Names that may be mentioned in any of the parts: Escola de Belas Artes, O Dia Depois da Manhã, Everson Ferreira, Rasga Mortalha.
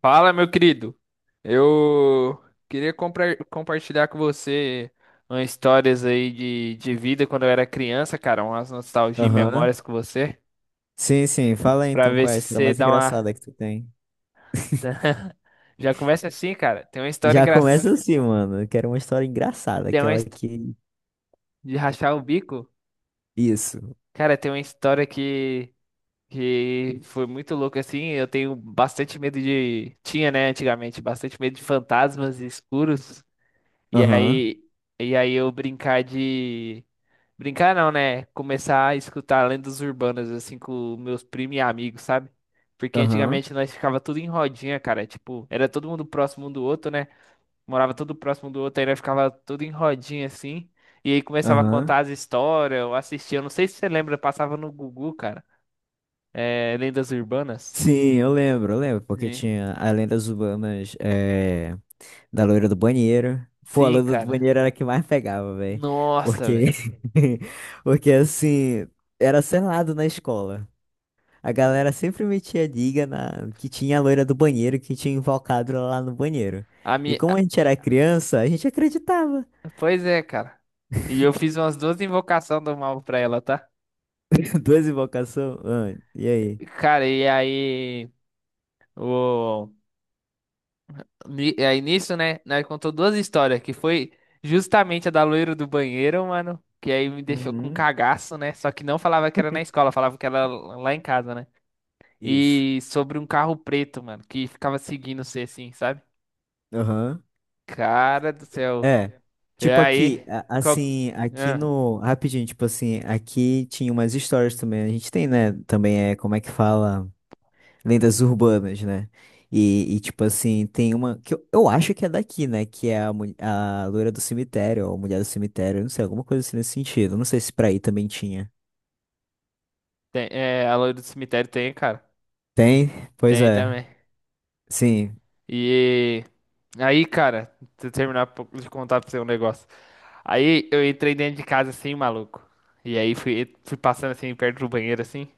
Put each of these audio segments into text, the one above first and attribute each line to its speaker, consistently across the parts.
Speaker 1: Fala, meu querido. Eu queria compartilhar com você umas histórias aí de vida quando eu era criança, cara, umas nostalgia e
Speaker 2: Aham.
Speaker 1: memórias com você,
Speaker 2: Sim, sim. Fala aí,
Speaker 1: pra
Speaker 2: então
Speaker 1: ver
Speaker 2: qual é
Speaker 1: se
Speaker 2: a história
Speaker 1: você
Speaker 2: mais
Speaker 1: dá uma.
Speaker 2: engraçada que tu tem.
Speaker 1: Já começa assim, cara. Tem uma história
Speaker 2: Já começa
Speaker 1: engraçada.
Speaker 2: assim, mano. Eu quero uma história engraçada,
Speaker 1: Tem uma
Speaker 2: aquela
Speaker 1: his-
Speaker 2: que.
Speaker 1: de rachar o bico.
Speaker 2: Isso.
Speaker 1: Cara, tem uma história que foi muito louca assim. Eu tenho bastante medo de. Tinha, né, antigamente, bastante medo de fantasmas escuros. E
Speaker 2: Aham.
Speaker 1: aí, e aí eu brincar de. Brincar não, né? Começar a escutar lendas urbanas, assim, com meus primos e amigos, sabe? Porque
Speaker 2: Aham.
Speaker 1: antigamente nós ficava tudo em rodinha, cara. Tipo, era todo mundo próximo um do outro, né? Morava todo próximo um do outro, aí nós ficava tudo em rodinha, assim. E aí começava a
Speaker 2: Aham.
Speaker 1: contar as histórias, ou assistia. Eu não sei se você lembra, passava no Gugu, cara. É, lendas urbanas.
Speaker 2: Sim, eu lembro, porque
Speaker 1: É.
Speaker 2: tinha as lendas urbanas da loira do banheiro. Pô, a
Speaker 1: Sim,
Speaker 2: loira do
Speaker 1: cara.
Speaker 2: banheiro era a que mais pegava, velho.
Speaker 1: Nossa,
Speaker 2: Porque.
Speaker 1: velho.
Speaker 2: Porque assim, era selado na escola. A galera sempre metia liga na que tinha a loira do banheiro que tinha invocado ela lá no banheiro.
Speaker 1: A
Speaker 2: E como
Speaker 1: minha...
Speaker 2: a gente era criança, a gente acreditava.
Speaker 1: Pois é, cara. E eu fiz umas duas invocações do mal pra ela, tá?
Speaker 2: Duas invocações. Ah, e aí?
Speaker 1: Cara, e aí. O... Aí nisso, né? Nós contou duas histórias, que foi justamente a da loira do banheiro, mano. Que aí me deixou com um
Speaker 2: Uhum.
Speaker 1: cagaço, né? Só que não falava que era na escola, falava que era lá em casa, né?
Speaker 2: Isso.
Speaker 1: E sobre um carro preto, mano, que ficava seguindo você assim, sabe?
Speaker 2: Aham.
Speaker 1: Cara do céu.
Speaker 2: É.
Speaker 1: E
Speaker 2: Tipo
Speaker 1: aí?
Speaker 2: aqui,
Speaker 1: Qual...
Speaker 2: assim, aqui
Speaker 1: Ah,
Speaker 2: no. Rapidinho, tipo assim, aqui tinha umas histórias também. A gente tem, né? Também é como é que fala, lendas urbanas, né? Tipo assim, tem uma que eu acho que é daqui, né? Que é a loira do cemitério, ou a mulher do cemitério, não sei, alguma coisa assim nesse sentido. Não sei se pra aí também tinha.
Speaker 1: é, a loira do cemitério tem, cara.
Speaker 2: Tem? Pois
Speaker 1: Tem
Speaker 2: é.
Speaker 1: também.
Speaker 2: Sim.
Speaker 1: E aí, cara, se eu terminar de contar pra você um negócio. Aí eu entrei dentro de casa assim, maluco. E aí fui passando assim, perto do banheiro, assim.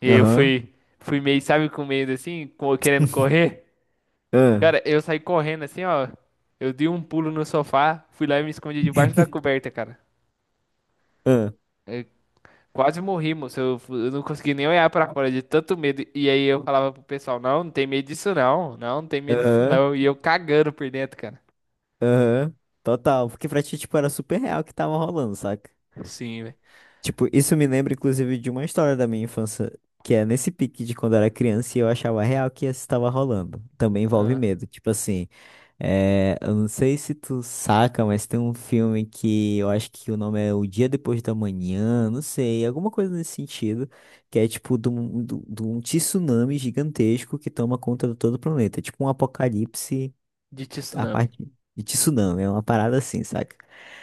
Speaker 1: E aí eu
Speaker 2: Aham.
Speaker 1: fui meio, sabe, com medo assim, querendo correr.
Speaker 2: Ah.
Speaker 1: Cara, eu saí correndo assim, ó. Eu dei um pulo no sofá, fui lá e me escondi debaixo da coberta, cara.
Speaker 2: Ah.
Speaker 1: Eu quase morri, moço. Eu não consegui nem olhar pra fora de tanto medo. E aí eu falava pro pessoal, não, não tem medo disso não. Não, não tem medo disso
Speaker 2: Aham.
Speaker 1: não. E eu cagando por dentro, cara.
Speaker 2: Aham. Total. Porque pra ti, tipo, era super real o que tava rolando, saca?
Speaker 1: Sim, velho.
Speaker 2: Tipo, isso me lembra, inclusive, de uma história da minha infância, que é nesse pique de quando eu era criança e eu achava real que isso estava rolando. Também envolve
Speaker 1: Ah,
Speaker 2: medo. Tipo assim, eu não sei se tu saca, mas tem um filme que eu acho que o nome é O Dia Depois da Manhã, não sei, alguma coisa nesse sentido, que é tipo de um tsunami gigantesco que toma conta de todo o planeta. É tipo um apocalipse
Speaker 1: de
Speaker 2: a
Speaker 1: tsunami.
Speaker 2: parte de tsunami, é uma parada assim, saca?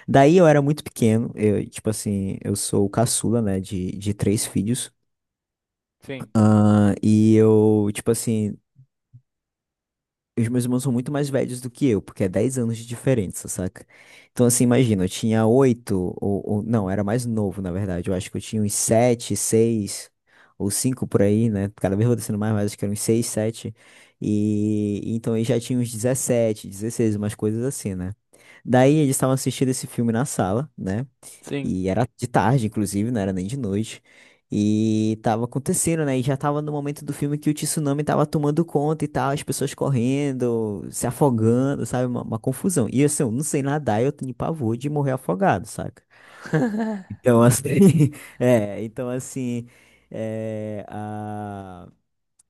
Speaker 2: Daí eu era muito pequeno, eu, tipo assim, eu sou o caçula, né, de três filhos,
Speaker 1: Sim.
Speaker 2: ah, e eu, tipo assim, os meus irmãos são muito mais velhos do que eu, porque é 10 anos de diferença, saca? Então, assim, imagina, eu tinha 8 não, era mais novo, na verdade. Eu acho que eu tinha uns 7, 6 ou 5 por aí, né? Cada vez vou descendo mais, mas acho que eram uns 6, 7. E então eu já tinha uns 17, 16, umas coisas assim, né? Daí eles estavam assistindo esse filme na sala, né?
Speaker 1: Sim.
Speaker 2: E era de tarde, inclusive, não era nem de noite. E tava acontecendo, né? E já tava no momento do filme que o tsunami tava tomando conta e tal, as pessoas correndo, se afogando, sabe? Uma confusão. E assim, eu não sei nadar, eu tenho pavor de morrer afogado, saca? Então, assim, então assim, é, a-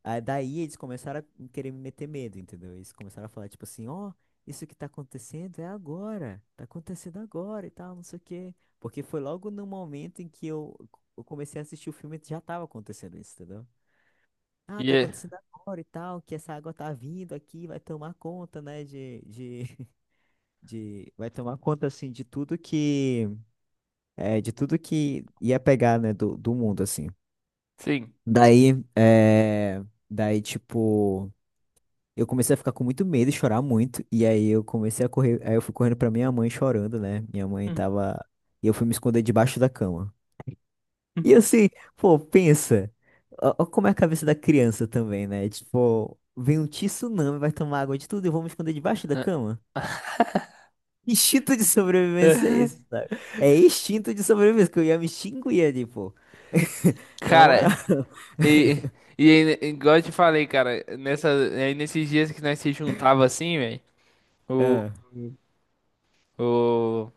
Speaker 2: aí daí eles começaram a querer me meter medo, entendeu? Eles começaram a falar, tipo assim, ó, isso que tá acontecendo é agora, tá acontecendo agora e tal, não sei o quê. Porque foi logo no momento em que eu comecei a assistir o filme, já tava acontecendo isso, entendeu?
Speaker 1: E
Speaker 2: Ah, tá
Speaker 1: é-
Speaker 2: acontecendo agora e tal, que essa água tá vindo aqui, vai tomar conta, né, vai tomar conta, assim, de tudo que, de tudo que ia pegar, né, do mundo, assim.
Speaker 1: Sim.
Speaker 2: Daí, é, daí, tipo... Eu comecei a ficar com muito medo e chorar muito. E aí eu comecei a correr. Aí eu fui correndo pra minha mãe chorando, né? Minha mãe
Speaker 1: Hum,
Speaker 2: tava. E eu fui me esconder debaixo da cama.
Speaker 1: hum.
Speaker 2: E assim, pô, pensa. Ó, ó como é a cabeça da criança também, né? Tipo, vem um tsunami, vai tomar água de tudo e eu vou me esconder debaixo da cama? Instinto de sobrevivência é esse, sabe? É instinto de sobrevivência, que eu ia me extinguir ali, pô. Na moral.
Speaker 1: Cara, e, e aí, né, igual eu te falei, cara, aí nesses dias que nós se juntava assim, velho, o,
Speaker 2: Ah.
Speaker 1: o,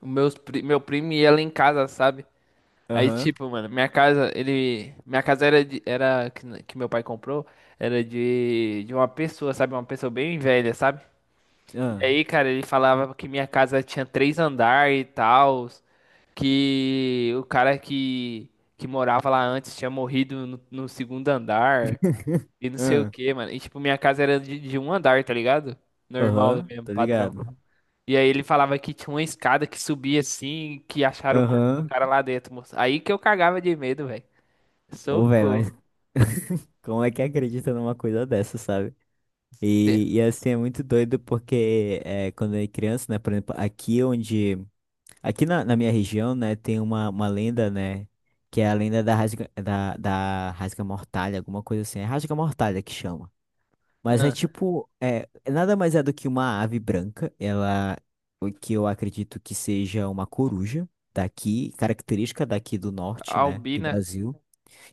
Speaker 1: meu primo ia lá em casa, sabe? Aí,
Speaker 2: Aham.
Speaker 1: tipo, mano, minha casa era, de, era que, n- que meu pai comprou, era de uma pessoa, sabe? Uma pessoa bem velha, sabe? E
Speaker 2: Ah.
Speaker 1: aí, cara, ele falava que minha casa tinha três andares e tal, que o cara que morava lá antes tinha morrido no segundo andar e não sei o
Speaker 2: Ah.
Speaker 1: que, mano. E tipo, minha casa era de um andar, tá ligado? Normal
Speaker 2: Aham,
Speaker 1: mesmo,
Speaker 2: tô
Speaker 1: padrão.
Speaker 2: ligado.
Speaker 1: E aí ele falava que tinha uma escada que subia assim, que acharam o corpo do
Speaker 2: Aham.
Speaker 1: cara lá dentro, moço. Aí que eu cagava de medo, velho.
Speaker 2: Ô, velho,
Speaker 1: Socorro.
Speaker 2: mas como é que acredita numa coisa dessa, sabe?
Speaker 1: Te-
Speaker 2: E assim, é muito doido porque quando eu era criança, né? Por exemplo, aqui onde. Aqui na minha região, né, tem uma lenda, né? Que é a lenda da Rasga Mortalha, alguma coisa assim. É Rasga Mortalha que chama. Mas é
Speaker 1: Ah,
Speaker 2: tipo. É, nada mais é do que uma ave branca. Ela. O que eu acredito que seja uma coruja daqui, característica daqui do norte, né? Do
Speaker 1: Albina,
Speaker 2: Brasil.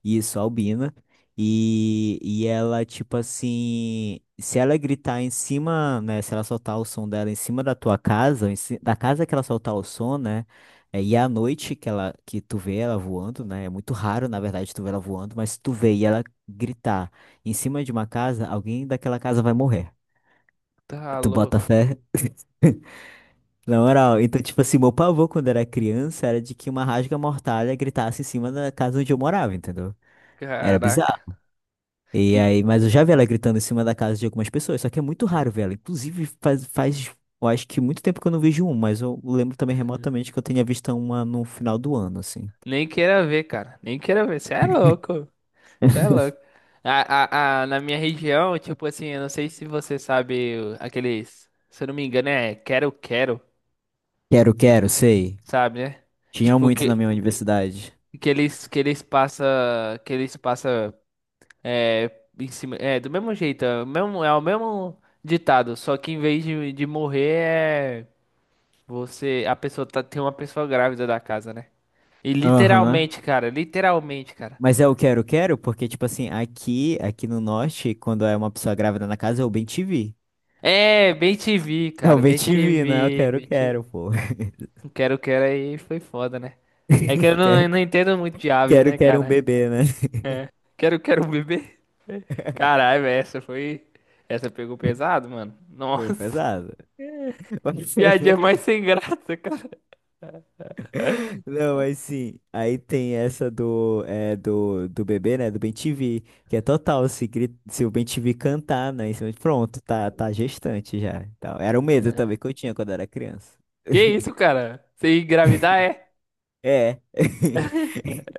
Speaker 2: Isso, albina. E ela, tipo assim, se ela gritar em cima, né? Se ela soltar o som dela em cima da tua casa, ou da casa que ela soltar o som, né? E à noite que que tu vê ela voando, né? É muito raro, na verdade, tu vê ela voando, mas se tu vê e ela gritar em cima de uma casa, alguém daquela casa vai morrer.
Speaker 1: tá
Speaker 2: Tu bota
Speaker 1: louco,
Speaker 2: fé? Na
Speaker 1: né?
Speaker 2: moral, então, tipo assim, meu pavor quando era criança era de que uma rasga-mortalha gritasse em cima da casa onde eu morava, entendeu? Era
Speaker 1: Caraca.
Speaker 2: bizarro. E
Speaker 1: Que...
Speaker 2: aí, mas eu já vi ela gritando em cima da casa de algumas pessoas, só que é muito raro ver ela. Inclusive, eu acho que muito tempo que eu não vejo um, mas eu lembro também remotamente que eu tinha visto uma no final do ano, assim.
Speaker 1: Nem queira ver, cara. Nem queira ver. Você é louco. Você é louco. Na minha região, tipo assim, eu não sei se você sabe aqueles. Se eu não me engano, é quero, quero,
Speaker 2: Quero, quero, sei.
Speaker 1: sabe, né?
Speaker 2: Tinha
Speaker 1: Tipo,
Speaker 2: muito na
Speaker 1: que,
Speaker 2: minha universidade.
Speaker 1: que eles, que eles passam. Que eles passam. É, em cima. É, do mesmo jeito. É o mesmo ditado. Só que em vez de morrer, é. Você. Tem uma pessoa grávida da casa, né? E
Speaker 2: Aham.
Speaker 1: literalmente, cara. Literalmente, cara.
Speaker 2: Mas é o quero, quero, porque, tipo assim, aqui no norte, quando é uma pessoa grávida na casa, é o bem te vi.
Speaker 1: É, bem te vi,
Speaker 2: É o
Speaker 1: cara.
Speaker 2: bem
Speaker 1: Bem
Speaker 2: te
Speaker 1: te
Speaker 2: vi, né? Eu
Speaker 1: vi,
Speaker 2: quero,
Speaker 1: bem
Speaker 2: quero, pô.
Speaker 1: O Quero Quero aí foi foda, né? É que eu não, eu
Speaker 2: Quero,
Speaker 1: não entendo muito de aves,
Speaker 2: quero,
Speaker 1: né,
Speaker 2: quero um
Speaker 1: cara?
Speaker 2: bebê, né?
Speaker 1: É. Quero Quero bebê. Caralho, velho, essa foi. Essa pegou pesado, mano.
Speaker 2: Foi
Speaker 1: Nossa,
Speaker 2: pesado.
Speaker 1: que piadinha mais sem graça, cara.
Speaker 2: Não, mas sim, aí tem essa do bebê, né, do Ben-TV, que é total, se o Ben-TV cantar, né, em cima pronto, tá gestante já, então, era o medo
Speaker 1: É.
Speaker 2: também que eu tinha quando era criança.
Speaker 1: Que isso, cara? Você engravidar é?
Speaker 2: É,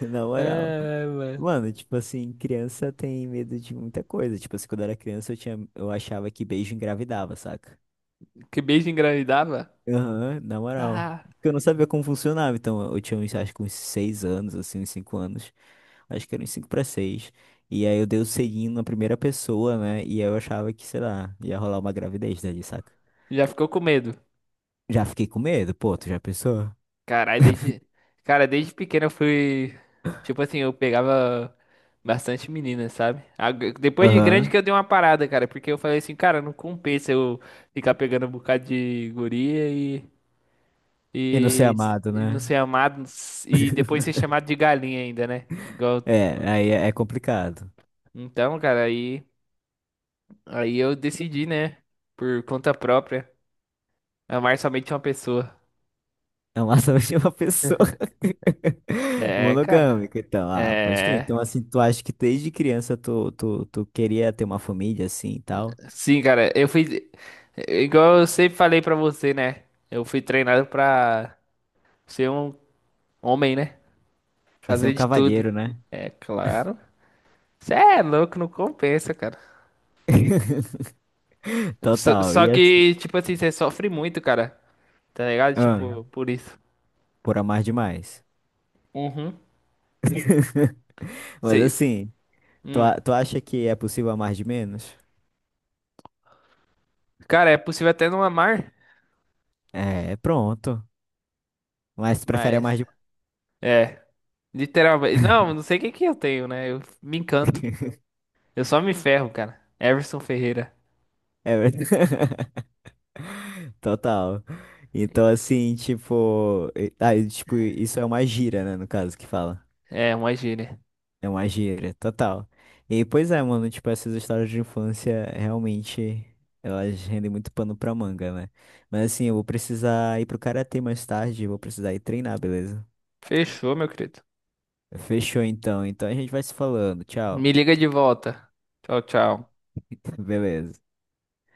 Speaker 2: na moral.
Speaker 1: É, mano.
Speaker 2: Mano, tipo assim, criança tem medo de muita coisa, tipo assim, quando eu era criança eu achava que beijo engravidava, saca?
Speaker 1: Que beijo engravidava?
Speaker 2: Aham, na moral.
Speaker 1: Tá.
Speaker 2: Porque eu não sabia como funcionava, então eu tinha uns, acho que uns 6 anos, assim, uns 5 anos. Acho que era uns cinco para seis. E aí eu dei o selinho na primeira pessoa, né? E aí eu achava que, sei lá, ia rolar uma gravidez dali, saca?
Speaker 1: Já ficou com medo.
Speaker 2: Já fiquei com medo, pô, tu já pensou?
Speaker 1: Caralho, desde. Cara, desde pequeno eu fui. Tipo assim, eu pegava bastante meninas, sabe? Depois de grande que
Speaker 2: Aham.
Speaker 1: eu dei uma parada, cara, porque eu falei assim, cara, não compensa eu ficar pegando um bocado de guria e.
Speaker 2: E não ser
Speaker 1: E,
Speaker 2: amado,
Speaker 1: e não
Speaker 2: né?
Speaker 1: ser amado e depois ser chamado de galinha ainda, né?
Speaker 2: É, aí é complicado.
Speaker 1: Então, cara, aí. Aí eu decidi, né? Por conta própria, amar somente uma pessoa.
Speaker 2: Amar somente uma pessoa
Speaker 1: É, cara.
Speaker 2: monogâmica, então, ah, pode crer.
Speaker 1: É.
Speaker 2: Então, assim, tu acha que desde criança tu queria ter uma família assim e tal?
Speaker 1: Sim, cara, eu fui. Igual eu sempre falei pra você, né? Eu fui treinado pra ser um homem, né?
Speaker 2: Vai ser um
Speaker 1: Fazer de tudo.
Speaker 2: cavalheiro, né?
Speaker 1: É claro. Você é louco, não compensa, cara. Só,
Speaker 2: Total.
Speaker 1: só
Speaker 2: E assim.
Speaker 1: que, tipo assim, você sofre muito, cara. Tá ligado?
Speaker 2: Ah,
Speaker 1: Tipo, por isso.
Speaker 2: por amar demais.
Speaker 1: Uhum.
Speaker 2: Mas
Speaker 1: Sei.
Speaker 2: assim, tu,
Speaker 1: Hum.
Speaker 2: a- tu acha que é possível amar de menos?
Speaker 1: Cara, é possível até não amar,
Speaker 2: É, pronto. Mas tu prefere
Speaker 1: mas.
Speaker 2: amar de.
Speaker 1: É. Literalmente. Não, não sei o que que eu tenho, né? Eu me encanto. Eu só me ferro, cara. Everson Ferreira.
Speaker 2: É verdade. Total. Então, assim, tipo. Ah, e, tipo, isso é uma gíria, né? No caso, que fala.
Speaker 1: É, uma gíria.
Speaker 2: É uma gíria, total. E pois é, mano, tipo, essas histórias de infância realmente elas rendem muito pano pra manga, né? Mas assim, eu vou precisar ir pro karatê mais tarde, vou precisar ir treinar, beleza?
Speaker 1: Fechou, meu querido.
Speaker 2: Fechou então. Então a gente vai se falando. Tchau.
Speaker 1: Me liga de volta. Tchau, tchau.
Speaker 2: Beleza.